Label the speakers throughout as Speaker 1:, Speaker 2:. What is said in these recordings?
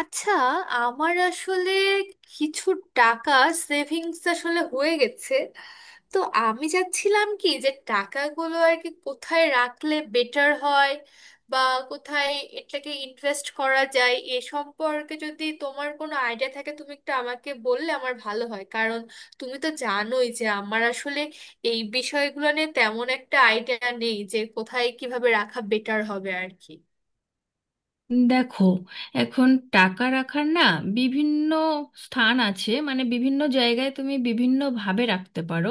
Speaker 1: আচ্ছা আমার আসলে কিছু টাকা সেভিংস আসলে হয়ে গেছে। তো আমি চাচ্ছিলাম কি যে টাকাগুলো আর কি কোথায় রাখলে বেটার হয় বা কোথায় এটাকে ইনভেস্ট করা যায় এ সম্পর্কে যদি তোমার কোনো আইডিয়া থাকে তুমি একটু আমাকে বললে আমার ভালো হয়, কারণ তুমি তো জানোই যে আমার আসলে এই বিষয়গুলো নিয়ে তেমন একটা আইডিয়া নেই যে কোথায় কিভাবে রাখা বেটার হবে আর কি।
Speaker 2: দেখো, এখন টাকা রাখার না, বিভিন্ন স্থান আছে। মানে বিভিন্ন জায়গায় তুমি বিভিন্নভাবে রাখতে পারো।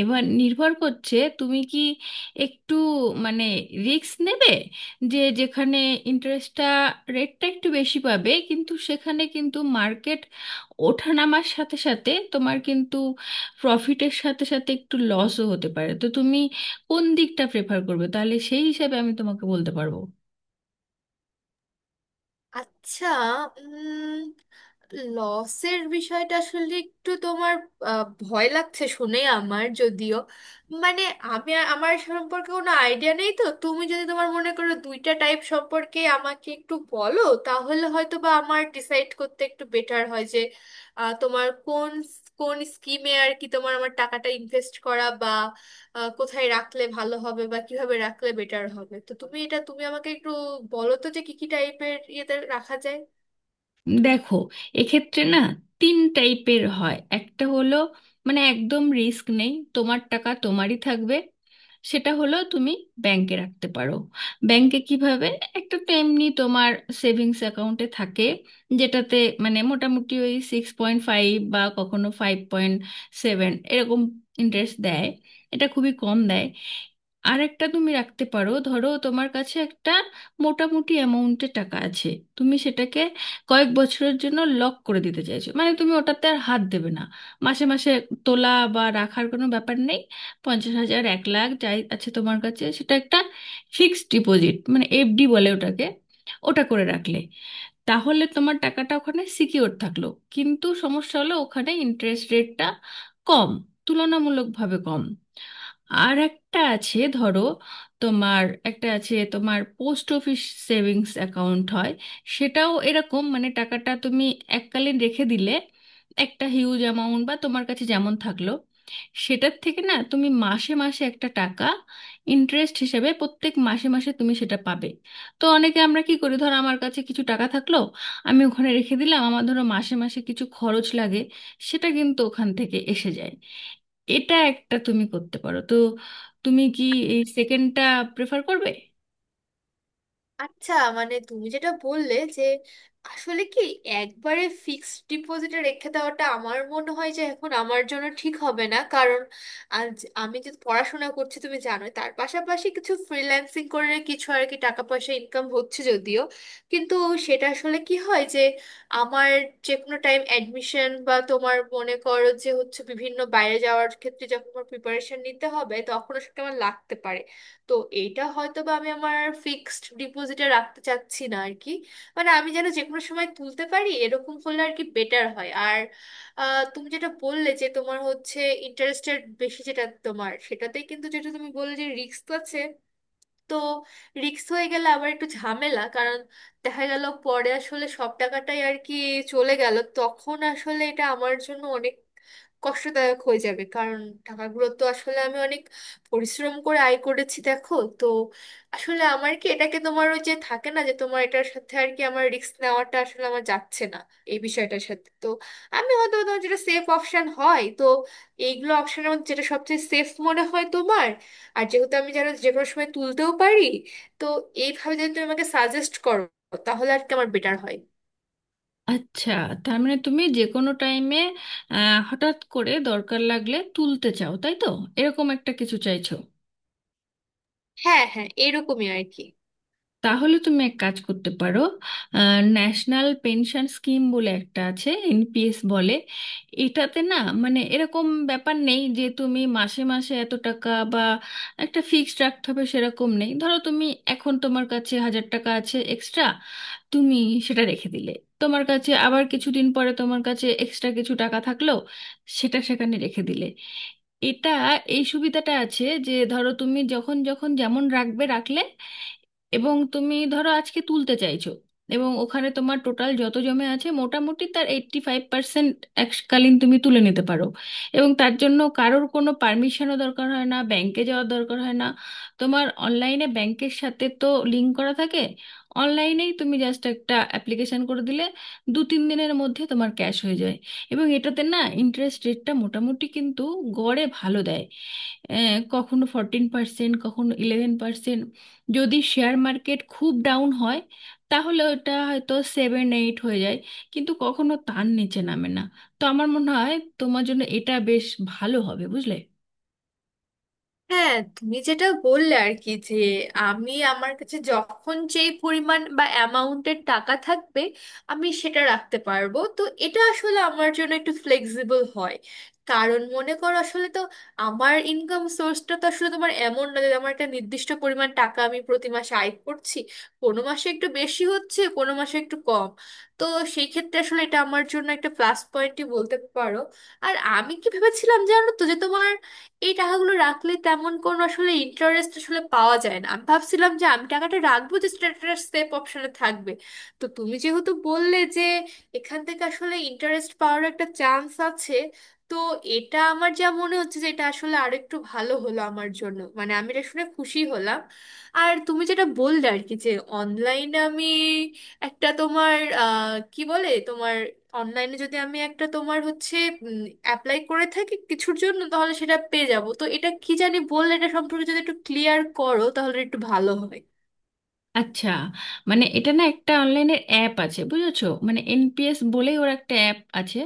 Speaker 2: এবার নির্ভর করছে তুমি কি একটু মানে রিস্ক নেবে, যে যেখানে ইন্টারেস্টটা রেটটা একটু বেশি পাবে, কিন্তু সেখানে কিন্তু মার্কেট ওঠানামার সাথে সাথে তোমার কিন্তু প্রফিটের সাথে সাথে একটু লসও হতে পারে। তো তুমি কোন দিকটা প্রেফার করবে, তাহলে সেই হিসাবে আমি তোমাকে বলতে পারবো।
Speaker 1: আচ্ছা, উম লসের বিষয়টা আসলে একটু তোমার ভয় লাগছে শুনে আমার, যদিও মানে আমি আমার সম্পর্কে কোনো আইডিয়া নেই। তো তুমি যদি তোমার মনে করো দুইটা টাইপ সম্পর্কে আমাকে একটু বলো তাহলে হয়তো বা আমার ডিসাইড করতে একটু বেটার হয় যে তোমার কোন কোন স্কিমে আর কি তোমার আমার টাকাটা ইনভেস্ট করা কোথায় রাখলে ভালো হবে বা কিভাবে রাখলে বেটার হবে। তো তুমি এটা তুমি আমাকে একটু বলো তো যে কি কি টাইপের ইয়েতে রাখা যায়।
Speaker 2: দেখো, এক্ষেত্রে না তিন টাইপের হয়। একটা হলো মানে একদম রিস্ক নেই, তোমার টাকা তোমারই থাকবে। সেটা হলো তুমি ব্যাংকে রাখতে পারো। ব্যাংকে কিভাবে, একটা তো এমনি তোমার সেভিংস অ্যাকাউন্টে থাকে, যেটাতে মানে মোটামুটি ওই 6.5 বা কখনো 5.7 এরকম ইন্টারেস্ট দেয়, এটা খুবই কম দেয়। আর একটা তুমি রাখতে পারো, ধরো তোমার কাছে একটা মোটামুটি অ্যামাউন্টের টাকা আছে, তুমি সেটাকে কয়েক বছরের জন্য লক করে দিতে চাইছো, মানে তুমি ওটাতে আর হাত দেবে না, মাসে মাসে তোলা বা রাখার কোনো ব্যাপার নেই। 50,000 1,00,000 যাই আছে তোমার কাছে, সেটা একটা ফিক্সড ডিপোজিট, মানে এফডি বলে ওটাকে, ওটা করে রাখলে তাহলে তোমার টাকাটা ওখানে সিকিওর থাকলো। কিন্তু সমস্যা হলো ওখানে ইন্টারেস্ট রেটটা কম, তুলনামূলকভাবে কম। আর একটা আছে, ধরো তোমার একটা আছে তোমার পোস্ট অফিস সেভিংস অ্যাকাউন্ট হয়, সেটাও এরকম, মানে টাকাটা তুমি এককালীন রেখে দিলে একটা হিউজ অ্যামাউন্ট বা তোমার কাছে যেমন থাকলো, সেটার থেকে না তুমি মাসে মাসে একটা টাকা ইন্টারেস্ট হিসেবে প্রত্যেক মাসে মাসে তুমি সেটা পাবে। তো অনেকে আমরা কি করি, ধর আমার কাছে কিছু টাকা থাকলো, আমি ওখানে রেখে দিলাম, আমার ধরো মাসে মাসে কিছু খরচ লাগে, সেটা কিন্তু ওখান থেকে এসে যায়। এটা একটা তুমি করতে পারো। তো তুমি কি এই সেকেন্ডটা প্রেফার করবে?
Speaker 1: আচ্ছা, মানে তুমি যেটা বললে যে আসলে কি একবারে ফিক্সড ডিপোজিটে রেখে দেওয়াটা আমার মনে হয় যে এখন আমার জন্য ঠিক হবে না, কারণ আজ আমি যে পড়াশোনা করছি তুমি জানোই, তার পাশাপাশি কিছু ফ্রিল্যান্সিং করে কিছু আর কি টাকা পয়সা ইনকাম হচ্ছে যদিও, কিন্তু সেটা আসলে কি হয় যে আমার যে কোনো টাইম অ্যাডমিশন বা তোমার মনে করো যে হচ্ছে বিভিন্ন বাইরে যাওয়ার ক্ষেত্রে যখন আমার প্রিপারেশন নিতে হবে তখন সেটা আমার লাগতে পারে। তো এইটা হয়তো বা আমি আমার ফিক্সড ডিপোজিটে রাখতে চাচ্ছি না আর কি। মানে আমি যেন যে কোনো সময় তুলতে পারি এরকম করলে আর কি বেটার হয়। আর তুমি যেটা বললে যে তোমার হচ্ছে ইন্টারেস্টের বেশি যেটা তোমার সেটাতেই, কিন্তু যেটা তুমি বললে যে রিস্ক তো আছে। তো রিস্ক হয়ে গেলে আবার একটু ঝামেলা, কারণ দেখা গেল পরে আসলে সব টাকাটাই আর কি চলে গেল তখন আসলে এটা আমার জন্য অনেক কষ্টদায়ক হয়ে যাবে, কারণ টাকাগুলো তো আসলে আমি অনেক পরিশ্রম করে আয় করেছি দেখো তো। আসলে আমার কি এটাকে তোমার ওই যে থাকে না যে তোমার এটার সাথে আর কি আমার রিস্ক নেওয়াটা আসলে আমার যাচ্ছে না এই বিষয়টার সাথে। তো আমি হয়তো তোমার যেটা সেফ অপশন হয় তো এইগুলো অপশনের মধ্যে যেটা সবচেয়ে সেফ মনে হয় তোমার, আর যেহেতু আমি যেন যে কোনো সময় তুলতেও পারি, তো এইভাবে যদি তুমি আমাকে সাজেস্ট করো তাহলে আর কি আমার বেটার হয়।
Speaker 2: আচ্ছা, তার মানে তুমি যে কোনো টাইমে হঠাৎ করে দরকার লাগলে তুলতে চাও, তাই তো, এরকম একটা কিছু চাইছো।
Speaker 1: হ্যাঁ, হ্যাঁ, এরকমই আর কি।
Speaker 2: তাহলে তুমি এক কাজ করতে পারো। ন্যাশনাল পেনশন স্কিম বলে একটা আছে, এনপিএস বলে। এটাতে না মানে এরকম ব্যাপার নেই যে তুমি মাসে মাসে এত টাকা বা একটা ফিক্সড রাখতে হবে, সেরকম নেই। ধরো তুমি এখন তোমার কাছে হাজার টাকা আছে এক্সট্রা, তুমি সেটা রেখে দিলে। তোমার কাছে আবার কিছুদিন পরে তোমার কাছে এক্সট্রা কিছু টাকা থাকলো, সেটা সেখানে রেখে দিলে। এটা এই সুবিধাটা আছে যে ধরো তুমি যখন যখন যেমন রাখবে রাখলে, এবং তুমি ধরো আজকে তুলতে চাইছো, এবং ওখানে তোমার টোটাল যত জমে আছে, মোটামুটি তার 85% এককালীন তুমি তুলে নিতে পারো। এবং তার জন্য কারোর কোনো পারমিশনও দরকার হয় না, ব্যাংকে যাওয়ার দরকার হয় না। তোমার অনলাইনে ব্যাংকের সাথে তো লিঙ্ক করা থাকে, অনলাইনেই তুমি জাস্ট একটা অ্যাপ্লিকেশন করে দিলে দু তিন দিনের মধ্যে তোমার ক্যাশ হয়ে যায়। এবং এটাতে না ইন্টারেস্ট রেটটা মোটামুটি কিন্তু গড়ে ভালো দেয়। কখনো 14%, কখনো 11%। যদি শেয়ার মার্কেট খুব ডাউন হয়, তাহলে ওটা হয়তো সেভেন এইট হয়ে যায়, কিন্তু কখনো তার নিচে নামে না। তো আমার মনে হয় তোমার জন্য এটা বেশ ভালো হবে, বুঝলে।
Speaker 1: হ্যাঁ তুমি যেটা বললে আর কি যে আমি আমার কাছে যখন যেই পরিমাণ বা অ্যামাউন্টের টাকা থাকবে আমি সেটা রাখতে পারবো, তো এটা আসলে আমার জন্য একটু ফ্লেক্সিবল হয়, কারণ মনে করো আসলে তো আমার ইনকাম সোর্সটা তো আসলে তোমার এমন না যে আমার একটা নির্দিষ্ট পরিমাণ টাকা আমি প্রতি মাসে আয় করছি। কোনো মাসে একটু বেশি হচ্ছে কোনো মাসে একটু কম। তো সেই ক্ষেত্রে আসলে এটা আমার জন্য একটা প্লাস পয়েন্টই বলতে পারো। আর আমি কি ভেবেছিলাম জানো তো যে তোমার এই টাকাগুলো রাখলে তেমন কোনো আসলে ইন্টারেস্ট আসলে পাওয়া যায় না, আমি ভাবছিলাম যে আমি টাকাটা রাখবো যে স্ট্যাটাস সেভ অপশনে থাকবে। তো তুমি যেহেতু বললে যে এখান থেকে আসলে ইন্টারেস্ট পাওয়ার একটা চান্স আছে, তো এটা আমার যা মনে হচ্ছে যে এটা আসলে আরেকটু ভালো হলো আমার জন্য, মানে আমি এটা শুনে খুশি হলাম। আর তুমি যেটা বললে আর কি যে অনলাইনে আমি একটা তোমার কি বলে তোমার অনলাইনে যদি আমি একটা তোমার হচ্ছে অ্যাপ্লাই করে থাকি কিছুর জন্য তাহলে সেটা পেয়ে যাব, তো এটা কি জানি বললে এটা সম্পর্কে যদি একটু ক্লিয়ার করো তাহলে একটু ভালো হয়।
Speaker 2: আচ্ছা, মানে এটা না একটা অনলাইনের অ্যাপ আছে, বুঝেছো, মানে এনপিএস বলেই ওর একটা অ্যাপ আছে।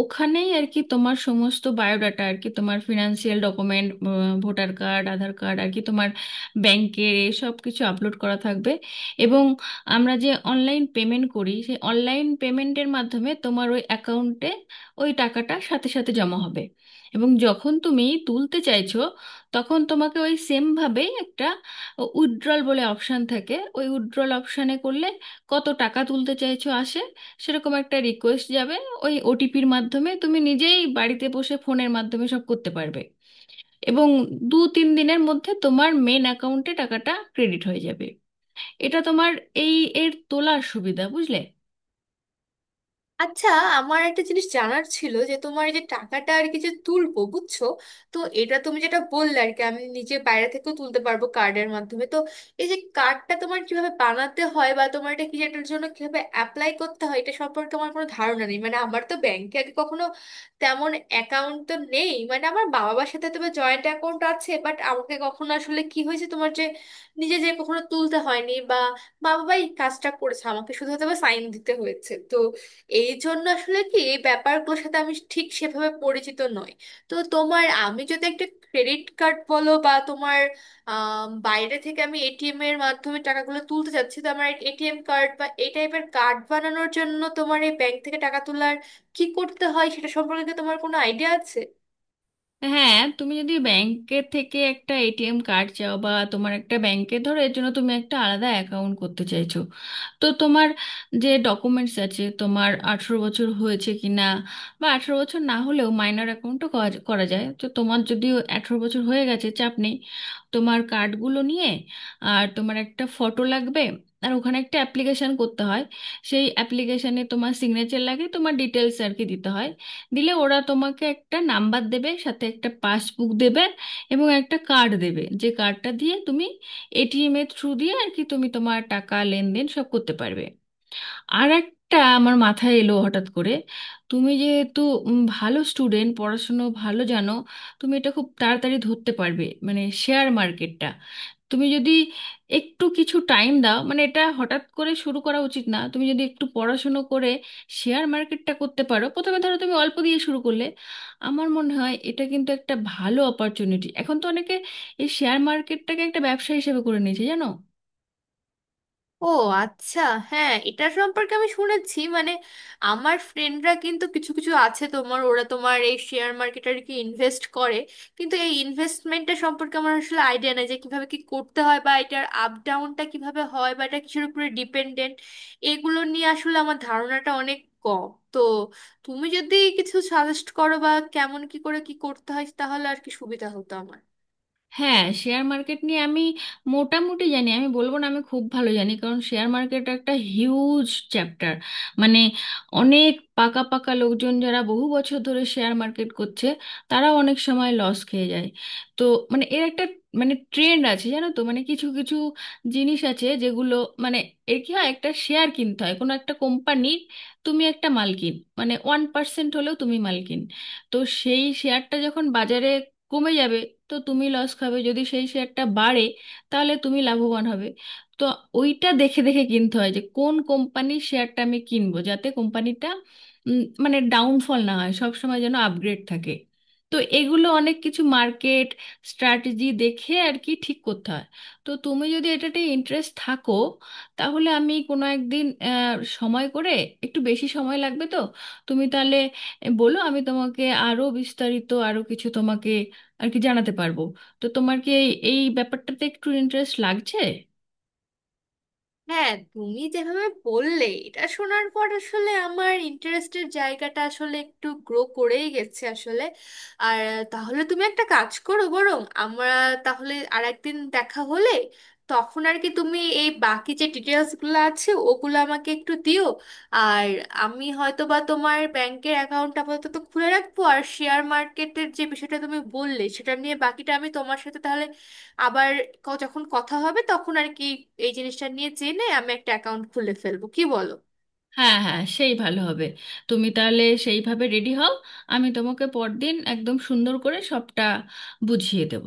Speaker 2: ওখানেই আর কি তোমার সমস্ত বায়োডাটা আর কি তোমার financial document, voter card, Aadhaar card, আর কি তোমার ব্যাংকের সব কিছু আপলোড করা থাকবে। এবং আমরা যে অনলাইন পেমেন্ট করি, সেই অনলাইন পেমেন্টের মাধ্যমে তোমার ওই অ্যাকাউন্টে ওই টাকাটা সাথে সাথে জমা হবে। এবং যখন তুমি তুলতে চাইছো, তখন তোমাকে ওই সেমভাবেই একটা উইথড্রল বলে অপশান থাকে, ওই উইথড্রল অপশানে করলে কত টাকা তুলতে চাইছো আসে, সেরকম একটা রিকোয়েস্ট যাবে। ওই ওটিপির মাধ্যমে তুমি নিজেই বাড়িতে বসে ফোনের মাধ্যমে সব করতে পারবে। এবং দু তিন দিনের মধ্যে তোমার মেন অ্যাকাউন্টে টাকাটা ক্রেডিট হয়ে যাবে। এটা তোমার এই এর তোলার সুবিধা, বুঝলে।
Speaker 1: আচ্ছা, আমার একটা জিনিস জানার ছিল যে তোমার এই যে টাকাটা আর কি যে তুলবো বুঝছো, তো এটা তুমি যেটা বললে আর কি আমি নিজে বাইরে থেকেও তুলতে পারবো কার্ডের মাধ্যমে। তো এই যে কার্ডটা তোমার কিভাবে বানাতে হয় বা তোমার এটা কি এটার জন্য কিভাবে অ্যাপ্লাই করতে হয় এটা সম্পর্কে আমার কোনো ধারণা নেই। মানে আমার তো ব্যাংকে আগে কখনো তেমন অ্যাকাউন্ট তো নেই। মানে আমার বাবা মার সাথে তবে জয়েন্ট অ্যাকাউন্ট আছে, বাট আমাকে কখনো আসলে কি হয়েছে তোমার যে নিজে যে কখনো তুলতে হয়নি বা বাবাই কাজটা করেছে, আমাকে শুধু হয়তো বা সাইন দিতে হয়েছে। তো এই জন্য আসলে কি এই ব্যাপারগুলোর সাথে আমি ঠিক সেভাবে পরিচিত নই। তো তোমার আমি যদি একটা ক্রেডিট কার্ড বলো বা তোমার বাইরে থেকে আমি এটিএম এর মাধ্যমে টাকাগুলো তুলতে চাচ্ছি, তো আমার এটিএম কার্ড বা এই টাইপের কার্ড বানানোর জন্য তোমার এই ব্যাংক থেকে টাকা তোলার কি করতে হয় সেটা সম্পর্কে কি তোমার কোনো আইডিয়া আছে?
Speaker 2: হ্যাঁ, তুমি যদি ব্যাংকের থেকে একটা এটিএম কার্ড চাও বা তোমার একটা ব্যাংকে ধরো এর জন্য তুমি একটা আলাদা অ্যাকাউন্ট করতে চাইছো, তো তোমার যে ডকুমেন্টস আছে, তোমার 18 বছর হয়েছে কি না, বা 18 বছর না হলেও মাইনর অ্যাকাউন্টও করা করা যায়। তো তোমার যদি 18 বছর হয়ে গেছে, চাপ নেই তোমার কার্ডগুলো নিয়ে। আর তোমার একটা ফটো লাগবে, আর ওখানে একটা অ্যাপ্লিকেশন করতে হয়। সেই অ্যাপ্লিকেশানে তোমার সিগনেচার লাগে, তোমার ডিটেলস আর কি দিতে হয়। দিলে ওরা তোমাকে একটা নাম্বার দেবে, সাথে একটা পাসবুক দেবে, এবং একটা কার্ড দেবে, যে কার্ডটা দিয়ে তুমি এটিএম এর থ্রু দিয়ে আর কি তুমি তোমার টাকা লেনদেন সব করতে পারবে। আর একটা আমার মাথায় এলো হঠাৎ করে, তুমি যেহেতু ভালো স্টুডেন্ট, পড়াশুনো ভালো জানো, তুমি এটা খুব তাড়াতাড়ি ধরতে পারবে, মানে শেয়ার মার্কেটটা। তুমি যদি একটু কিছু টাইম দাও, মানে এটা হঠাৎ করে শুরু করা উচিত না, তুমি যদি একটু পড়াশুনো করে শেয়ার মার্কেটটা করতে পারো, প্রথমে ধরো তুমি অল্প দিয়ে শুরু করলে, আমার মনে হয় এটা কিন্তু একটা ভালো অপরচুনিটি। এখন তো অনেকে এই শেয়ার মার্কেটটাকে একটা ব্যবসা হিসেবে করে নিয়েছে, জানো।
Speaker 1: ও আচ্ছা, হ্যাঁ এটা সম্পর্কে আমি শুনেছি। মানে আমার ফ্রেন্ডরা কিন্তু কিছু কিছু আছে তোমার ওরা তোমার এই শেয়ার মার্কেটে আর কি ইনভেস্ট করে, কিন্তু এই ইনভেস্টমেন্টটা সম্পর্কে আমার আসলে আইডিয়া নেই যে কিভাবে কি করতে হয় বা এটার আপ ডাউনটা কিভাবে হয় বা এটা কিসের উপরে ডিপেন্ডেন্ট। এগুলো নিয়ে আসলে আমার ধারণাটা অনেক কম। তো তুমি যদি কিছু সাজেস্ট করো বা কেমন কি করে কি করতে হয় তাহলে আর কি সুবিধা হতো আমার।
Speaker 2: হ্যাঁ, শেয়ার মার্কেট নিয়ে আমি মোটামুটি জানি, আমি বলবো না আমি খুব ভালো জানি, কারণ শেয়ার মার্কেট একটা হিউজ চ্যাপ্টার। মানে অনেক পাকা পাকা লোকজন যারা বহু বছর ধরে শেয়ার মার্কেট করছে, তারা অনেক সময় লস খেয়ে যায়। তো মানে এর একটা মানে ট্রেন্ড আছে, জানো তো, মানে কিছু কিছু জিনিস আছে যেগুলো, মানে এর কি হয়, একটা শেয়ার কিনতে হয় কোনো একটা কোম্পানির, তুমি একটা মালকিন, মানে 1% হলেও তুমি মালকিন। তো সেই শেয়ারটা যখন বাজারে কমে যাবে, তো তুমি লস খাবে। যদি সেই শেয়ারটা বাড়ে, তাহলে তুমি লাভবান হবে। তো ওইটা দেখে দেখে কিনতে হয় যে কোন কোম্পানির শেয়ারটা আমি কিনবো, যাতে কোম্পানিটা মানে ডাউনফল না হয়, সব সময় যেন আপগ্রেড থাকে। তো এগুলো অনেক কিছু মার্কেট স্ট্র্যাটেজি দেখে আর কি ঠিক করতে হয়। তো তুমি যদি এটাতে ইন্টারেস্ট থাকো, তাহলে আমি কোনো একদিন সময় করে, একটু বেশি সময় লাগবে তো, তুমি তাহলে বলো, আমি তোমাকে আরো বিস্তারিত আরো কিছু তোমাকে আর কি জানাতে পারবো। তো তোমার কি এই এই ব্যাপারটাতে একটু ইন্টারেস্ট লাগছে?
Speaker 1: হ্যাঁ তুমি যেভাবে বললে এটা শোনার পর আসলে আমার ইন্টারেস্টের জায়গাটা আসলে একটু গ্রো করেই গেছে আসলে। আর তাহলে তুমি একটা কাজ করো বরং আমরা তাহলে আর একদিন দেখা হলে তখন আর কি তুমি এই বাকি যে ডিটেলসগুলো আছে ওগুলো আমাকে একটু দিও। আর আমি হয়তো বা তোমার ব্যাংকের অ্যাকাউন্ট আপাতত খুলে রাখবো, আর শেয়ার মার্কেটের যে বিষয়টা তুমি বললে সেটা নিয়ে বাকিটা আমি তোমার সাথে তাহলে আবার যখন কথা হবে তখন আর কি এই জিনিসটা নিয়ে জেনে আমি একটা অ্যাকাউন্ট খুলে ফেলবো, কি বলো?
Speaker 2: হ্যাঁ হ্যাঁ, সেই ভালো হবে। তুমি তাহলে সেইভাবে রেডি হও, আমি তোমাকে পরদিন একদম সুন্দর করে সবটা বুঝিয়ে দেব।